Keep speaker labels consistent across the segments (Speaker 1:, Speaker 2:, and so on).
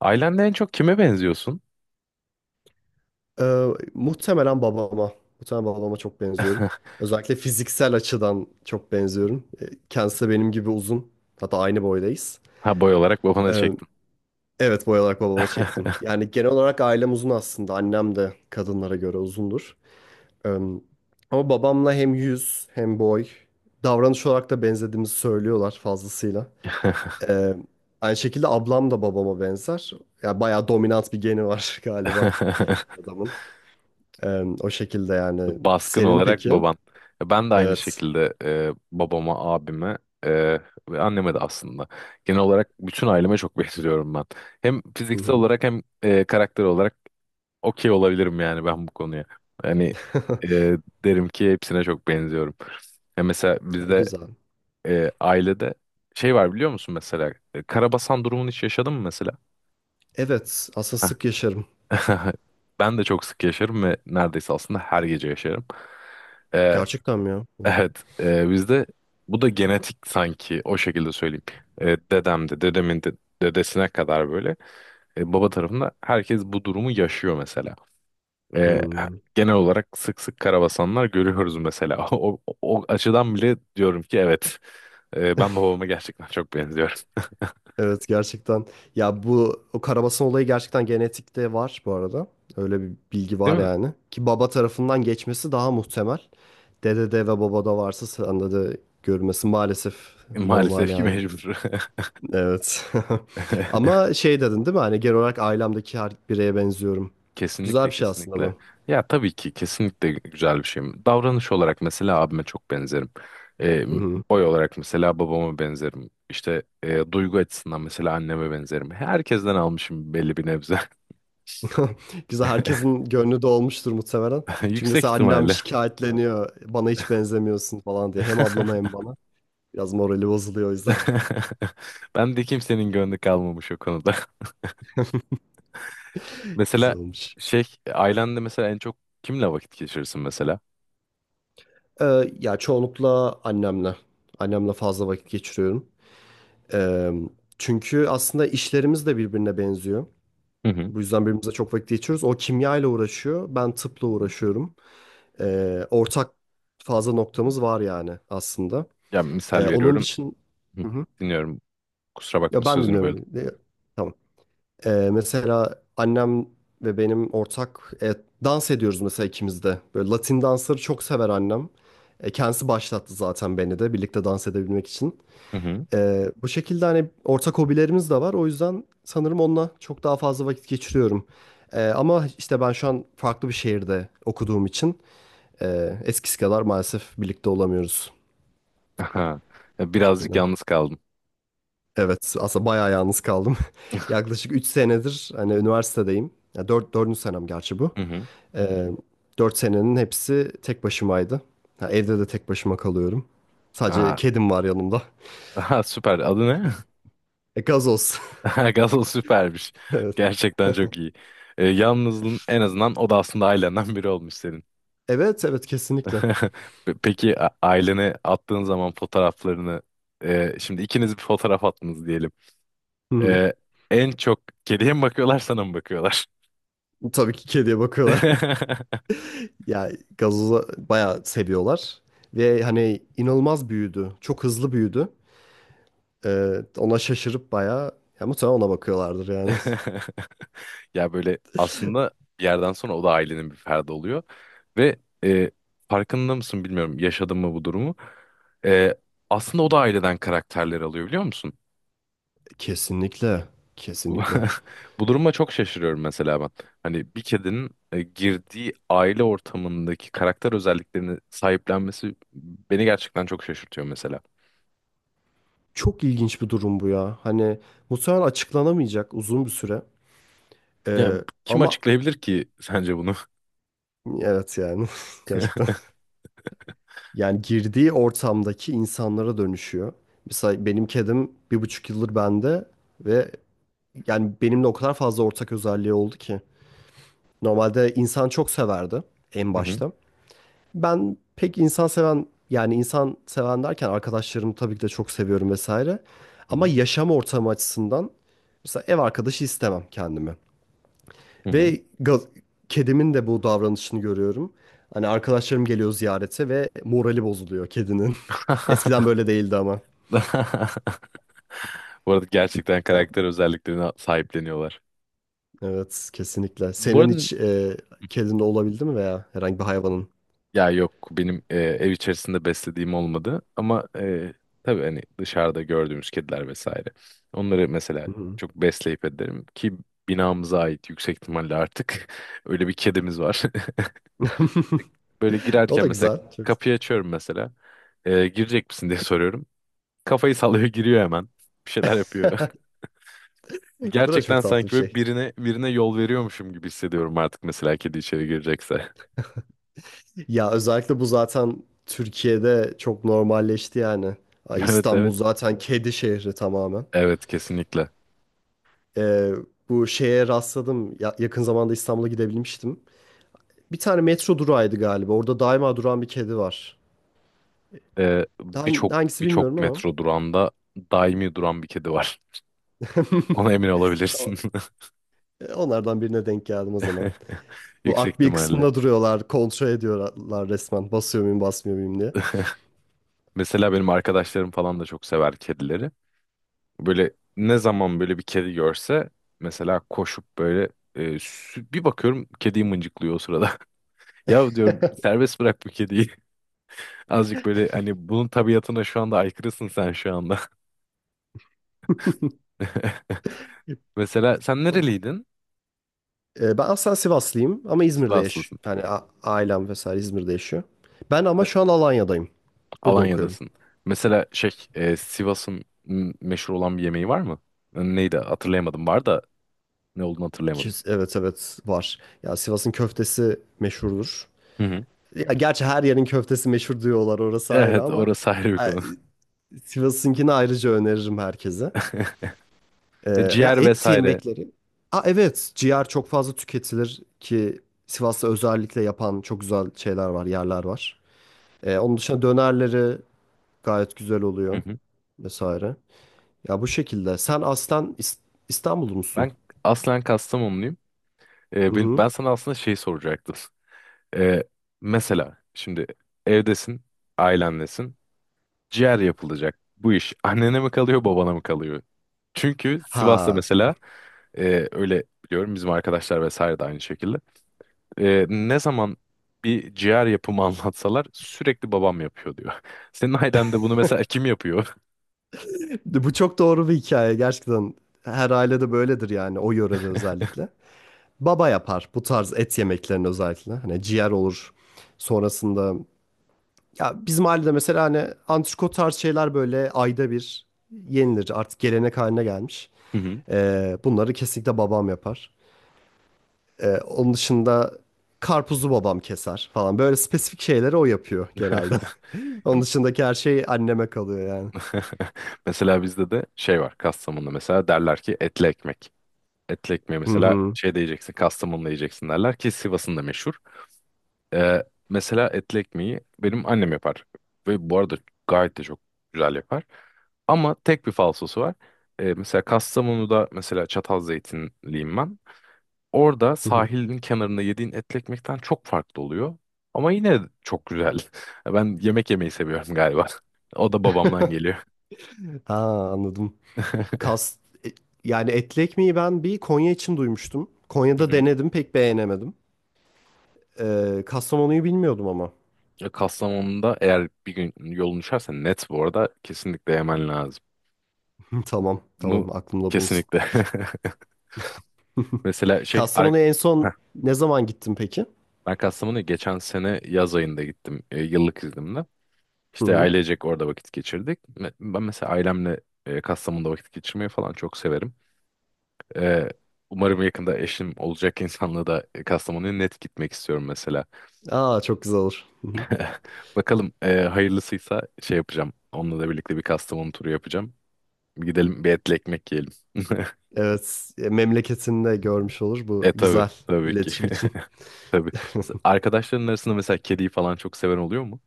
Speaker 1: Ailende en çok kime benziyorsun?
Speaker 2: Ee, muhtemelen babama. Muhtemelen babama çok benziyorum. Özellikle fiziksel açıdan çok benziyorum. Kendisi de benim gibi uzun. Hatta aynı boydayız.
Speaker 1: Ha, boy olarak babana
Speaker 2: Ee,
Speaker 1: çektim.
Speaker 2: evet, boy olarak babama çektim. Yani genel olarak ailem uzun aslında. Annem de kadınlara göre uzundur. Ee, ama babamla hem yüz hem boy davranış olarak da benzediğimizi söylüyorlar fazlasıyla. Ee, aynı şekilde ablam da babama benzer. Yani bayağı dominant bir geni var galiba adamın. Ee, o şekilde yani.
Speaker 1: Baskın
Speaker 2: Senin
Speaker 1: olarak
Speaker 2: peki?
Speaker 1: baban. Ben de aynı
Speaker 2: Evet.
Speaker 1: şekilde babama, abime, e, ve anneme de aslında. Genel olarak bütün aileme çok benziyorum ben. Hem
Speaker 2: Hı
Speaker 1: fiziksel
Speaker 2: hı.
Speaker 1: olarak hem karakter olarak okey olabilirim yani ben bu konuya. Yani e, derim ki hepsine çok benziyorum. Ya mesela bizde,
Speaker 2: Güzel.
Speaker 1: ailede şey var biliyor musun mesela? E, Karabasan durumunu hiç yaşadın mı mesela?
Speaker 2: Evet, aslında sık yaşarım.
Speaker 1: Ben de çok sık yaşarım ve neredeyse aslında her gece yaşarım. Ee,
Speaker 2: Gerçekten mi ya?
Speaker 1: evet, bizde bu da genetik, sanki o şekilde söyleyeyim. Dedem de, dedemin de, dedesine kadar böyle, baba tarafında herkes bu durumu yaşıyor mesela. Ee,
Speaker 2: Hmm.
Speaker 1: genel olarak sık sık karabasanlar görüyoruz mesela. O açıdan bile diyorum ki evet, ben babama gerçekten çok benziyorum.
Speaker 2: Evet, gerçekten. Ya bu o karabasan olayı gerçekten genetikte var bu arada. Öyle bir bilgi
Speaker 1: Değil
Speaker 2: var
Speaker 1: mi?
Speaker 2: yani. Ki baba tarafından geçmesi daha muhtemel. Dedede ve babada varsa sende de görülmesi maalesef normal
Speaker 1: Maalesef ki
Speaker 2: yani.
Speaker 1: mecbur.
Speaker 2: Evet. Ama şey dedin değil mi? Hani genel olarak ailemdeki her bireye benziyorum. Güzel
Speaker 1: Kesinlikle,
Speaker 2: bir şey aslında
Speaker 1: kesinlikle.
Speaker 2: bu.
Speaker 1: Ya tabii ki kesinlikle güzel bir şey. Davranış olarak mesela abime çok benzerim. Ee,
Speaker 2: Hı hı.
Speaker 1: boy olarak mesela babama benzerim. İşte duygu açısından mesela anneme benzerim. Herkesten almışım belli bir nebze.
Speaker 2: Güzel, herkesin gönlü dolmuştur muhtemelen. Çünkü
Speaker 1: Yüksek
Speaker 2: mesela annem
Speaker 1: ihtimalle.
Speaker 2: şikayetleniyor. Bana hiç benzemiyorsun falan diye. Hem ablama hem bana. Biraz morali bozuluyor o yüzden.
Speaker 1: Ben de kimsenin gönlü kalmamış o konuda. Mesela
Speaker 2: Güzel olmuş.
Speaker 1: şey, ailende mesela en çok kimle vakit geçirirsin mesela?
Speaker 2: Ya çoğunlukla annemle. Annemle fazla vakit geçiriyorum. Ee, çünkü aslında işlerimiz de birbirine benziyor.
Speaker 1: Hı hı.
Speaker 2: Bu yüzden birbirimize çok vakit geçiriyoruz. O kimya ile uğraşıyor. Ben tıpla uğraşıyorum. Ortak fazla noktamız var yani aslında.
Speaker 1: Ya misal
Speaker 2: Onun
Speaker 1: veriyorum.
Speaker 2: dışında.
Speaker 1: Hı,
Speaker 2: Hı hı.
Speaker 1: dinliyorum. Kusura bakma,
Speaker 2: Ya ben
Speaker 1: sözünü
Speaker 2: dinliyorum. Tamam. Mesela annem ve benim ortak dans ediyoruz mesela ikimiz de. Böyle Latin dansları çok sever annem. Kendisi başlattı zaten beni de birlikte dans edebilmek için.
Speaker 1: böldüm.
Speaker 2: Bu şekilde hani ortak hobilerimiz de var. O yüzden sanırım onunla çok daha fazla vakit geçiriyorum. Ama işte ben şu an farklı bir şehirde okuduğum için eskisi kadar maalesef birlikte olamıyoruz
Speaker 1: Aha.
Speaker 2: bu
Speaker 1: Birazcık
Speaker 2: şekilde.
Speaker 1: yalnız kaldım.
Speaker 2: Evet, aslında bayağı yalnız kaldım. Yaklaşık 3 senedir hani üniversitedeyim. Ya 4, 4. senem gerçi bu.
Speaker 1: Hı hı.
Speaker 2: Ee, 4 senenin hepsi tek başımaydı. Ha, evde de tek başıma kalıyorum. Sadece
Speaker 1: Aa,
Speaker 2: kedim var yanımda.
Speaker 1: aha, süper. Adı ne?
Speaker 2: Gazoz.
Speaker 1: Aha, Gazol süpermiş.
Speaker 2: Evet.
Speaker 1: Gerçekten çok iyi. Yalnızlığın en azından o da aslında ailenden biri olmuş senin.
Speaker 2: Evet, evet, kesinlikle.
Speaker 1: Pe- peki a- ailene attığın zaman fotoğraflarını, şimdi ikiniz bir fotoğraf attınız diyelim.
Speaker 2: Hı hı.
Speaker 1: E, en çok kediye mi bakıyorlar, sana mı bakıyorlar?
Speaker 2: Tabii ki kediye bakıyorlar. Ya gazozu bayağı seviyorlar. Ve hani inanılmaz büyüdü. Çok hızlı büyüdü. Ona şaşırıp bayağı ya muhtemelen ona bakıyorlardır yani.
Speaker 1: Ya böyle aslında bir yerden sonra o da ailenin bir ferdi oluyor. Ve e, farkında mısın bilmiyorum, yaşadın mı bu durumu. E, aslında o da aileden karakterler alıyor biliyor musun?
Speaker 2: Kesinlikle.
Speaker 1: Bu
Speaker 2: Kesinlikle.
Speaker 1: bu duruma çok şaşırıyorum mesela ben. Hani bir kedinin, girdiği aile ortamındaki karakter özelliklerini sahiplenmesi beni gerçekten çok şaşırtıyor mesela.
Speaker 2: Çok ilginç bir durum bu ya. Hani muhtemelen açıklanamayacak uzun bir süre.
Speaker 1: Ya
Speaker 2: Ee,
Speaker 1: kim
Speaker 2: ama
Speaker 1: açıklayabilir ki sence bunu?
Speaker 2: evet yani gerçekten. Yani girdiği ortamdaki insanlara dönüşüyor. Mesela benim kedim 1,5 yıldır bende ve yani benimle o kadar fazla ortak özelliği oldu ki. Normalde insan çok severdi en
Speaker 1: Hı hı.
Speaker 2: başta. Ben pek insan seven, yani insan seven derken arkadaşlarımı tabii ki de çok seviyorum vesaire.
Speaker 1: Hı
Speaker 2: Ama
Speaker 1: hı.
Speaker 2: yaşam ortamı açısından mesela ev arkadaşı istemem kendime.
Speaker 1: Hı hı.
Speaker 2: Ve kedimin de bu davranışını görüyorum. Hani arkadaşlarım geliyor ziyarete ve morali bozuluyor kedinin. Eskiden böyle değildi ama.
Speaker 1: Bu arada gerçekten
Speaker 2: Ya,
Speaker 1: karakter özelliklerine sahipleniyorlar.
Speaker 2: evet kesinlikle.
Speaker 1: Bu
Speaker 2: Senin
Speaker 1: arada
Speaker 2: hiç kedin de olabildi mi veya herhangi bir hayvanın?
Speaker 1: ya yok, benim ev içerisinde beslediğim olmadı ama, tabii hani dışarıda gördüğümüz kediler vesaire. Onları mesela
Speaker 2: Hı hı.
Speaker 1: çok besleyip ederim ki binamıza ait yüksek ihtimalle artık öyle bir kedimiz var. Böyle
Speaker 2: O
Speaker 1: girerken
Speaker 2: da
Speaker 1: mesela
Speaker 2: güzel. Çok.
Speaker 1: kapıyı açıyorum mesela, girecek misin diye soruyorum. Kafayı sallıyor, giriyor hemen, bir şeyler yapıyor.
Speaker 2: Bu da
Speaker 1: Gerçekten
Speaker 2: çok tatlı
Speaker 1: sanki
Speaker 2: bir
Speaker 1: böyle
Speaker 2: şey.
Speaker 1: birine yol veriyormuşum gibi hissediyorum artık mesela, kedi içeri girecekse.
Speaker 2: Ya özellikle bu zaten Türkiye'de çok normalleşti yani. Ay,
Speaker 1: Evet,
Speaker 2: İstanbul
Speaker 1: evet.
Speaker 2: zaten kedi şehri tamamen.
Speaker 1: Evet, kesinlikle.
Speaker 2: Ee, bu şeye rastladım. Yakın zamanda İstanbul'a gidebilmiştim. Bir tane metro durağıydı galiba. Orada daima duran bir kedi var.
Speaker 1: Ee,
Speaker 2: Hang-
Speaker 1: birçok
Speaker 2: hangisi
Speaker 1: birçok
Speaker 2: bilmiyorum ama.
Speaker 1: metro durağında daimi duran bir kedi var. Ona emin
Speaker 2: O-
Speaker 1: olabilirsin.
Speaker 2: Onlardan birine denk geldim o zaman. Bu
Speaker 1: Yüksek
Speaker 2: akbil
Speaker 1: ihtimalle.
Speaker 2: kısmında duruyorlar. Kontrol ediyorlar resmen. Basıyor muyum basmıyor muyum diye.
Speaker 1: Mesela benim arkadaşlarım falan da çok sever kedileri. Böyle ne zaman böyle bir kedi görse mesela, koşup böyle, bir bakıyorum kediyi mıncıklıyor o sırada. Ya diyorum, serbest bırak bu kediyi. Azıcık böyle hani bunun tabiatına şu anda aykırısın sen şu anda. Mesela sen nereliydin?
Speaker 2: Ben aslında Sivaslıyım ama İzmir'de
Speaker 1: Sivaslısın.
Speaker 2: yani ailem vesaire İzmir'de yaşıyor. Ben ama şu an Alanya'dayım. Burada okuyorum.
Speaker 1: Alanya'dasın. Mesela şey, Sivas'ın m- meşhur olan bir yemeği var mı? Neydi, hatırlayamadım. Var da ne olduğunu hatırlayamadım.
Speaker 2: Evet, evet var. Ya Sivas'ın köftesi meşhurdur.
Speaker 1: Hı hı.
Speaker 2: Ya gerçi her yerin köftesi meşhur diyorlar, orası ayrı,
Speaker 1: Evet,
Speaker 2: ama
Speaker 1: orası ayrı bir
Speaker 2: e,
Speaker 1: konu.
Speaker 2: Sivas'ınkini ayrıca öneririm herkese. Ee,
Speaker 1: E,
Speaker 2: ya
Speaker 1: Ciğer
Speaker 2: et
Speaker 1: vesaire.
Speaker 2: yemekleri. Aa evet, ciğer çok fazla tüketilir ki Sivas'ta özellikle yapan çok güzel şeyler var, yerler var. Onun dışında dönerleri gayet güzel
Speaker 1: Hı
Speaker 2: oluyor
Speaker 1: hı.
Speaker 2: vesaire. Ya bu şekilde. Sen aslen İstanbullu musun?
Speaker 1: Ben aslen Kastamonluyum.
Speaker 2: Hı
Speaker 1: Ben
Speaker 2: hı.
Speaker 1: sana aslında şey soracaktım. E, mesela şimdi evdesin, ailenlesin. Ciğer yapılacak. Bu iş annene mi kalıyor, babana mı kalıyor? Çünkü Sivas'ta
Speaker 2: Ha.
Speaker 1: mesela, öyle biliyorum, bizim arkadaşlar vesaire de aynı şekilde. Ne zaman bir ciğer yapımı anlatsalar, sürekli babam yapıyor diyor. Senin ailende bunu mesela kim yapıyor?
Speaker 2: Bu çok doğru bir hikaye gerçekten. Her ailede böyledir yani, o yörede özellikle. Baba yapar bu tarz et yemeklerini özellikle. Hani ciğer olur. Sonrasında. Ya bizim ailede mesela hani antrikot tarz şeyler böyle ayda bir yenilir. Artık gelenek haline gelmiş.
Speaker 1: Hı hı.
Speaker 2: Bunları kesinlikle babam yapar. Onun dışında karpuzu babam keser falan. Böyle spesifik şeyleri o yapıyor genelde. Onun dışındaki her şey anneme kalıyor yani.
Speaker 1: Mesela bizde de şey var, Kastamonu'da mesela derler ki, etli ekmek. Etli ekmeği
Speaker 2: Hı
Speaker 1: mesela
Speaker 2: hı.
Speaker 1: şey diyeceksin, yiyeceksin Kastamonu'da, yiyeceksin derler ki Sivas'ın da meşhur. Ee, mesela etli ekmeği benim annem yapar. Ve bu arada gayet de çok güzel yapar. Ama tek bir falsosu var. Mesela Kastamonu'da mesela çatal zeytinliyim ben. Orada
Speaker 2: Hı hı.
Speaker 1: sahilin kenarında yediğin etli ekmekten çok farklı oluyor. Ama yine çok güzel. Ben yemek yemeyi seviyorum galiba. O da babamdan geliyor.
Speaker 2: Ha, anladım. Kas e, yani etli ekmeği ben bir Konya için duymuştum.
Speaker 1: Hı
Speaker 2: Konya'da
Speaker 1: hı.
Speaker 2: denedim, pek beğenemedim. Kastamonu'yu bilmiyordum ama.
Speaker 1: E, Kastamonu'da eğer bir gün yolun düşerse, net bu arada, kesinlikle yemen lazım.
Speaker 2: Tamam,
Speaker 1: Bunu
Speaker 2: tamam, aklımda bulunsun.
Speaker 1: kesinlikle. Mesela şey ar-
Speaker 2: Kastamonu'ya en son
Speaker 1: heh,
Speaker 2: ne zaman gittin peki?
Speaker 1: ben Kastamonu'ya geçen sene yaz ayında gittim, yıllık iznimle.
Speaker 2: Hı
Speaker 1: İşte
Speaker 2: hı.
Speaker 1: ailecek orada vakit geçirdik. Me- ben mesela ailemle, Kastamonu'da vakit geçirmeyi falan çok severim. Ee, umarım yakında eşim olacak insanla da Kastamonu'ya net gitmek istiyorum mesela.
Speaker 2: Aa çok güzel olur. Hı hı.
Speaker 1: Bakalım, hayırlısıysa şey yapacağım. Onunla da birlikte bir Kastamonu turu yapacağım. Gidelim, bir etli ekmek yiyelim.
Speaker 2: Evet, memleketini de görmüş olur bu
Speaker 1: E tabii,
Speaker 2: güzel
Speaker 1: tabii ki.
Speaker 2: iletişim için.
Speaker 1: Tabii. Arkadaşların arasında mesela kediyi falan çok seven oluyor mu?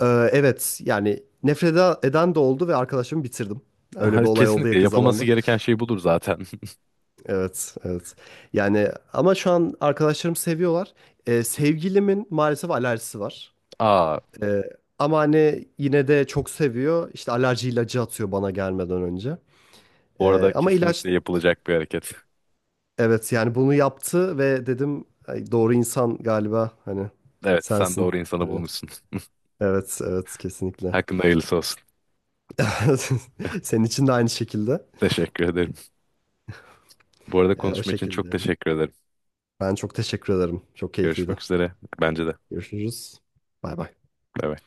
Speaker 2: Ee, evet, yani nefret eden de oldu ve arkadaşımı bitirdim. Öyle bir olay oldu
Speaker 1: Kesinlikle
Speaker 2: yakın
Speaker 1: yapılması
Speaker 2: zamanda.
Speaker 1: gereken şey budur zaten.
Speaker 2: Evet, evet. Yani ama şu an arkadaşlarım seviyorlar. Sevgilimin maalesef alerjisi var.
Speaker 1: Aa,
Speaker 2: Ee, ama hani yine de çok seviyor. İşte alerji ilacı atıyor bana gelmeden önce.
Speaker 1: bu arada
Speaker 2: Ama ilaç,
Speaker 1: kesinlikle yapılacak bir hareket.
Speaker 2: evet yani bunu yaptı ve dedim "Ay, doğru insan galiba hani
Speaker 1: Evet, sen
Speaker 2: sensin.
Speaker 1: doğru insanı
Speaker 2: Hani,
Speaker 1: bulmuşsun.
Speaker 2: evet, evet, kesinlikle.
Speaker 1: Hakkında hayırlısı olsun.
Speaker 2: Senin için de aynı şekilde.
Speaker 1: Teşekkür ederim. Bu arada
Speaker 2: O
Speaker 1: konuşma için
Speaker 2: şekilde.
Speaker 1: çok
Speaker 2: Yani.
Speaker 1: teşekkür ederim.
Speaker 2: Ben çok teşekkür ederim. Çok keyifliydi.
Speaker 1: Görüşmek üzere. Bence de.
Speaker 2: Görüşürüz. Bay bay.
Speaker 1: Bay bay.